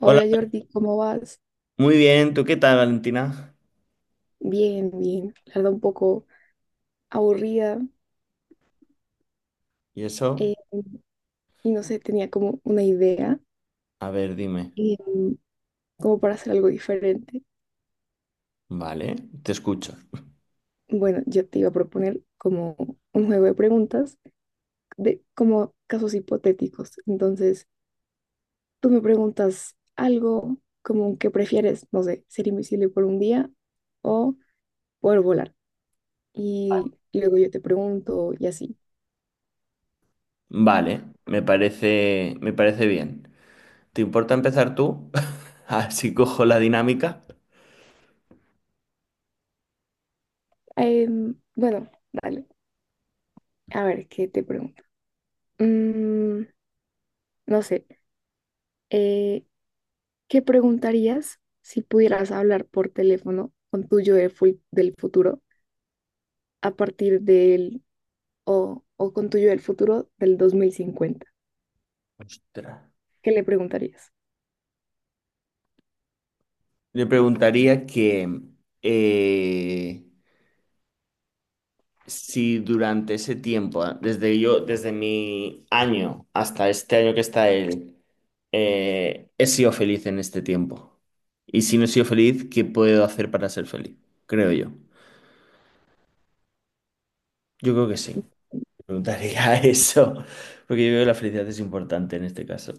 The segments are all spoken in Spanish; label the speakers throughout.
Speaker 1: Hola,
Speaker 2: Jordi, ¿cómo vas?
Speaker 1: muy bien. ¿Tú qué tal, Valentina?
Speaker 2: Bien, bien. La verdad un poco aburrida.
Speaker 1: ¿Y eso?
Speaker 2: eh, y no sé, tenía como una idea
Speaker 1: A ver, dime.
Speaker 2: eh, como para hacer algo diferente.
Speaker 1: Vale, te escucho.
Speaker 2: Bueno, yo te iba a proponer como un juego de preguntas de como casos hipotéticos. Entonces, tú me preguntas algo como que prefieres, no sé, ser invisible por un día o poder volar. Y luego yo te pregunto y así.
Speaker 1: Vale, me parece bien. ¿Te importa empezar tú? Así cojo la dinámica.
Speaker 2: Bueno, dale. A ver, ¿qué te pregunto? Mm, no sé, eh, ¿qué preguntarías si pudieras hablar por teléfono con tu yo del futuro a partir o con tu yo del futuro del 2050?
Speaker 1: Ostras.
Speaker 2: ¿Qué le preguntarías?
Speaker 1: Le preguntaría que eh, si durante ese tiempo, desde mi año hasta este año que está él, he sido feliz en este tiempo. Y si no he sido feliz, ¿qué puedo hacer para ser feliz? Creo yo. Yo creo que sí. Preguntaría eso, porque yo creo que la felicidad es importante en este caso.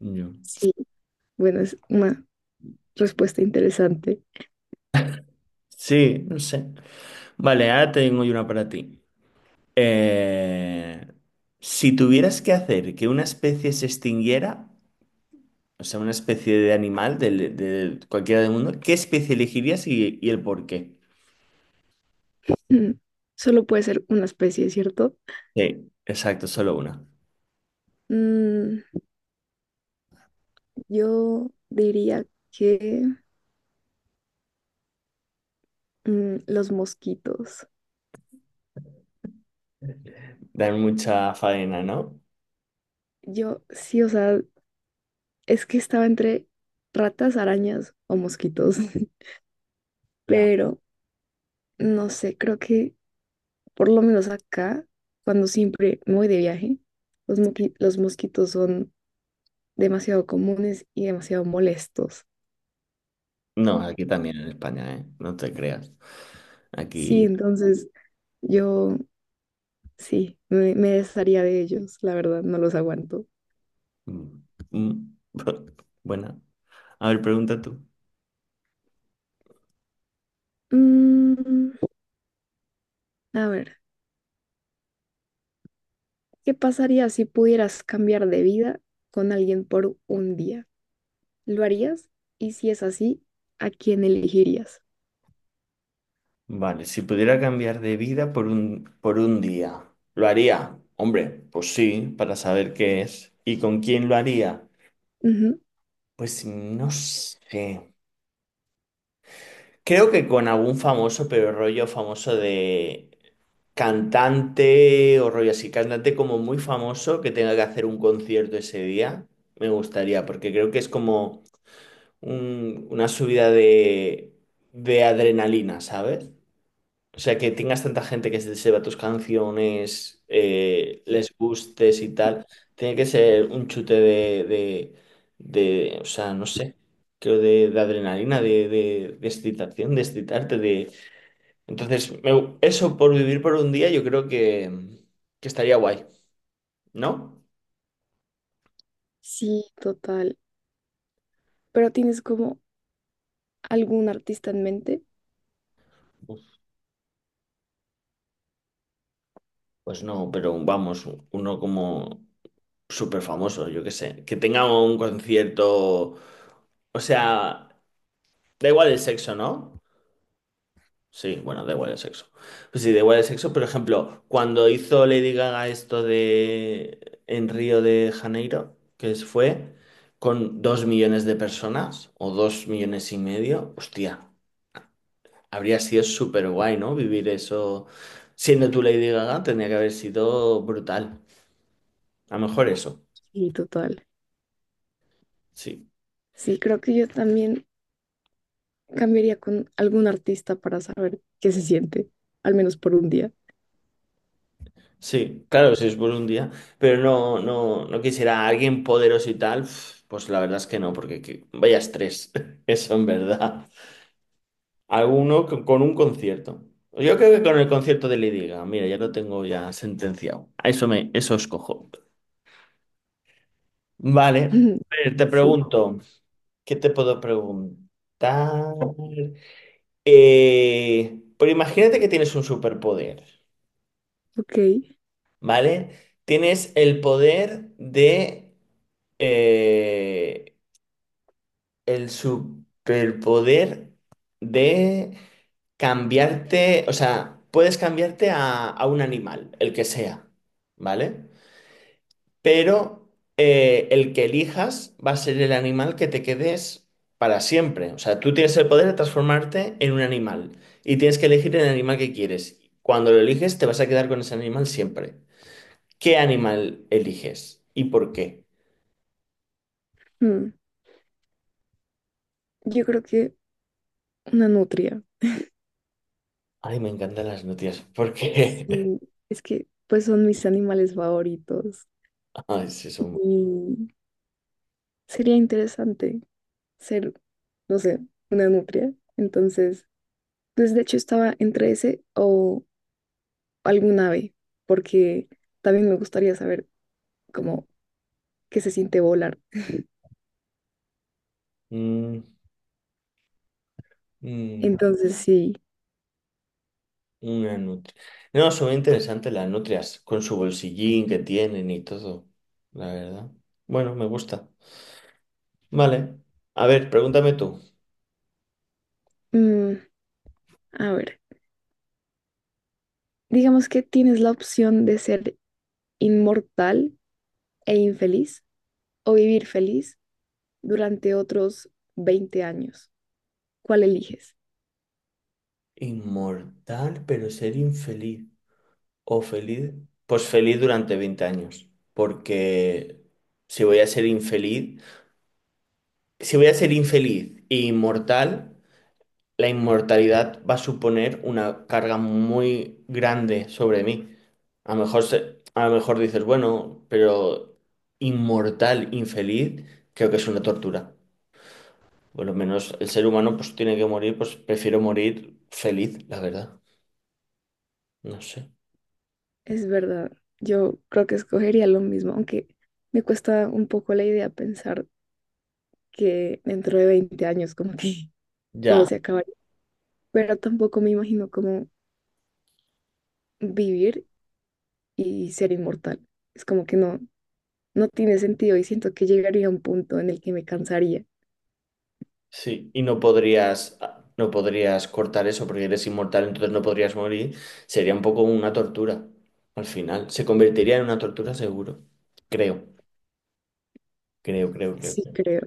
Speaker 1: Yo.
Speaker 2: Sí, bueno, es una respuesta interesante.
Speaker 1: Sí, no sé. Vale, ahora tengo yo una para ti. Eh, si tuvieras que hacer que una especie se extinguiera, o sea, una especie de animal cualquiera del mundo, ¿qué especie elegirías y el por qué?
Speaker 2: Mm, ¿Solo puede ser una especie, cierto?
Speaker 1: Sí, exacto, solo una.
Speaker 2: Mm, yo diría que, los mosquitos.
Speaker 1: Dan mucha faena, ¿no?
Speaker 2: Yo sí, o sea, es que estaba entre ratas, arañas o mosquitos,
Speaker 1: Ya.
Speaker 2: pero no sé, creo que por lo menos acá, cuando siempre me voy de viaje, los mosquitos son demasiado comunes y demasiado molestos.
Speaker 1: No, aquí también en España, ¿eh? No te creas.
Speaker 2: Sí,
Speaker 1: Aquí.
Speaker 2: entonces yo sí, me desharía de ellos, la verdad, no los aguanto.
Speaker 1: Mm, mm, Buena. A ver, pregunta tú.
Speaker 2: Mm, a ver, ¿qué pasaría si pudieras cambiar de vida con alguien por un día? ¿Lo harías? Y si es así, ¿a quién elegirías?
Speaker 1: Vale, si pudiera cambiar de vida por un día, ¿lo haría? Hombre, pues sí, para saber qué es. ¿Y con quién lo haría?
Speaker 2: Ujú.
Speaker 1: Pues no sé. Creo que con algún famoso, pero rollo famoso de cantante o rollo así, cantante como muy famoso que tenga que hacer un concierto ese día, me gustaría, porque creo que es como una subida de adrenalina, ¿sabes? O sea, que tengas tanta gente que se sepa tus canciones, les gustes y tal, tiene que ser un chute o sea, no sé, creo de adrenalina, de excitación, de excitarte, Entonces, eso por vivir por un día yo creo que estaría guay, ¿no?
Speaker 2: Sí, total. Pero tienes como algún artista en mente.
Speaker 1: Pues no, pero vamos, uno como súper famoso, yo qué sé. Que tenga un concierto. O sea, da igual el sexo, ¿no? Sí, bueno, da igual el sexo. Pues sí, da igual el sexo. Por ejemplo, cuando hizo Lady Gaga esto de en Río de Janeiro, fue con 2 millones de personas o 2 millones y medio, hostia, habría sido súper guay, ¿no? Vivir eso. Siendo tú Lady Gaga, tendría que haber sido brutal. A lo mejor eso.
Speaker 2: Sí, total.
Speaker 1: Sí.
Speaker 2: Sí, creo que yo también cambiaría con algún artista para saber qué se siente, al menos por un día.
Speaker 1: Sí, claro, si es por un día, pero no, no, no quisiera a alguien poderoso y tal, pf, pues la verdad es que no, vaya estrés, eso en verdad. Alguno con un concierto. Yo creo que con el concierto de Lady Gaga, mira, ya lo tengo ya sentenciado. A eso eso escojo. Vale, a ver, te
Speaker 2: Sí,
Speaker 1: pregunto, ¿qué te puedo preguntar? Pero imagínate que tienes un superpoder,
Speaker 2: ok.
Speaker 1: ¿vale? Tienes el poder de eh, el superpoder de cambiarte, o sea, puedes cambiarte a un animal, el que sea, ¿vale? Pero el que elijas va a ser el animal que te quedes para siempre. O sea, tú tienes el poder de transformarte en un animal y tienes que elegir el animal que quieres. Cuando lo eliges, te vas a quedar con ese animal siempre. ¿Qué animal eliges y por qué?
Speaker 2: Mm, Yo creo que una nutria.
Speaker 1: Ay, me encantan las noticias. ¿Por qué?
Speaker 2: Sí, es que pues son mis animales favoritos
Speaker 1: Ah, sí, son
Speaker 2: y sería interesante ser, no sé, una nutria. Entonces, pues de hecho estaba entre ese o algún ave, porque también me gustaría saber cómo, qué se siente volar.
Speaker 1: Mm, mm,
Speaker 2: Entonces, sí,
Speaker 1: una nutria. No, son interesantes las nutrias, con su bolsillín que tienen y todo, la verdad. Bueno, me gusta. Vale. A ver, pregúntame tú.
Speaker 2: mm, a ver, digamos que tienes la opción de ser inmortal e infeliz o vivir feliz durante otros 20 años. ¿Cuál eliges?
Speaker 1: Inmortal, pero ser infeliz. ¿O feliz? Pues feliz durante 20 años. Porque si voy a ser infeliz, si voy a ser infeliz e inmortal, la inmortalidad va a suponer una carga muy grande sobre mí. A lo mejor a lo mejor dices, bueno, pero inmortal, infeliz, creo que es una tortura. Por lo menos el ser humano pues tiene que morir, pues prefiero morir feliz, la verdad. No sé.
Speaker 2: Es verdad, yo creo que escogería lo mismo, aunque me cuesta un poco la idea pensar que dentro de 20 años como que todo
Speaker 1: Ya,
Speaker 2: se acabaría, pero tampoco me imagino cómo vivir y ser inmortal. Es como que no, no tiene sentido y siento que llegaría a un punto en el que me cansaría.
Speaker 1: sí. Y no podrías cortar eso porque eres inmortal, entonces no podrías morir. Sería un poco una tortura. Al final, se convertiría en una tortura seguro. Creo, creo, creo, creo.
Speaker 2: Sí, creo.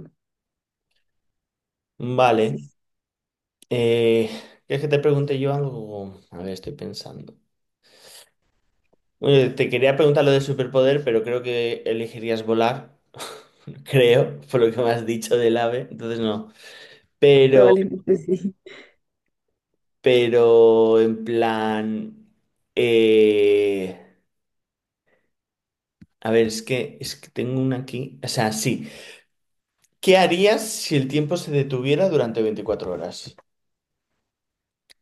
Speaker 2: Sí,
Speaker 1: Vale. Eh, ¿Quieres que te pregunte yo algo? A ver, estoy pensando. Te quería preguntar lo de superpoder, pero creo que elegirías volar. Creo, por lo que me has dicho del ave. Entonces no. Pero,
Speaker 2: probablemente sí.
Speaker 1: pero en plan. Eh, a ver, es que tengo una aquí. O sea, sí. ¿Qué harías si el tiempo se detuviera durante 24 horas?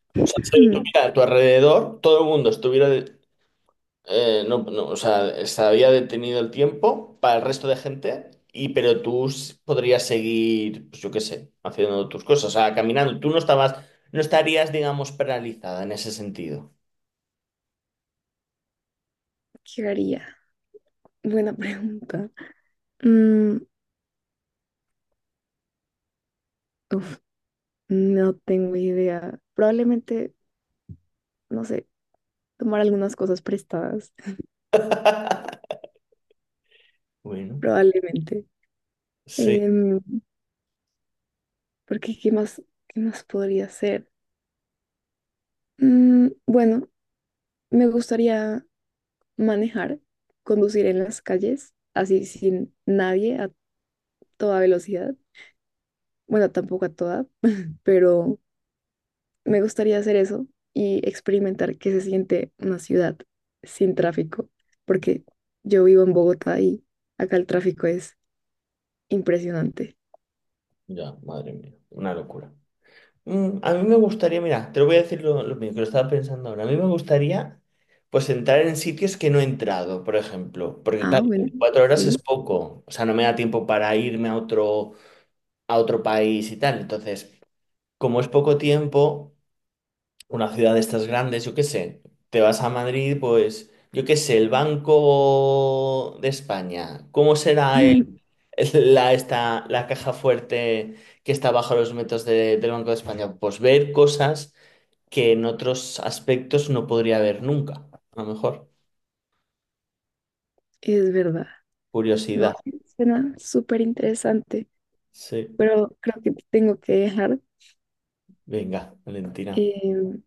Speaker 1: O sea, se
Speaker 2: Mm,
Speaker 1: detuviera a tu alrededor, todo el mundo estuviera. No, no, o sea, estaría detenido el tiempo para el resto de gente, y pero tú podrías seguir, pues yo qué sé, haciendo tus cosas, o sea, caminando. Tú no estabas, no estarías, digamos, paralizada en ese sentido.
Speaker 2: ¿Qué haría? Buena pregunta. Mm, Uf, no tengo idea. Probablemente, no sé, tomar algunas cosas prestadas.
Speaker 1: Bueno,
Speaker 2: Probablemente.
Speaker 1: sí,
Speaker 2: Em, Porque qué más podría hacer? Bueno, me gustaría manejar, conducir en las calles, así sin nadie, a toda velocidad. Bueno, tampoco a toda, pero me gustaría hacer eso y experimentar qué se siente una ciudad sin tráfico, porque yo vivo en Bogotá y acá el tráfico es impresionante.
Speaker 1: ya, madre mía, una locura. Mm, a mí me gustaría, mira, te lo voy a decir lo mío, que lo estaba pensando ahora. A mí me gustaría, pues, entrar en sitios que no he entrado, por ejemplo, porque
Speaker 2: Ah,
Speaker 1: claro,
Speaker 2: bueno,
Speaker 1: 4 horas es
Speaker 2: sí,
Speaker 1: poco, o sea, no me da tiempo para irme a otro país y tal, entonces. Como es poco tiempo, una ciudad de estas grandes, yo qué sé, te vas a Madrid, pues, yo qué sé, el Banco de España, ¿cómo será la caja fuerte que está bajo los metros del Banco de España? Pues ver cosas que en otros aspectos no podría ver nunca, a lo mejor.
Speaker 2: es verdad. No,
Speaker 1: Curiosidad.
Speaker 2: sí, suena súper interesante,
Speaker 1: Sí,
Speaker 2: pero creo que te tengo que dejar.
Speaker 1: venga, Valentina.
Speaker 2: Eh,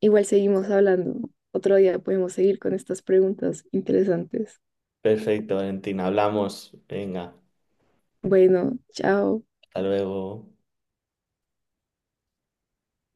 Speaker 2: igual seguimos hablando. Otro día podemos seguir con estas preguntas interesantes.
Speaker 1: Perfecto, Valentina, hablamos. Venga,
Speaker 2: Bueno, chao.
Speaker 1: hasta luego.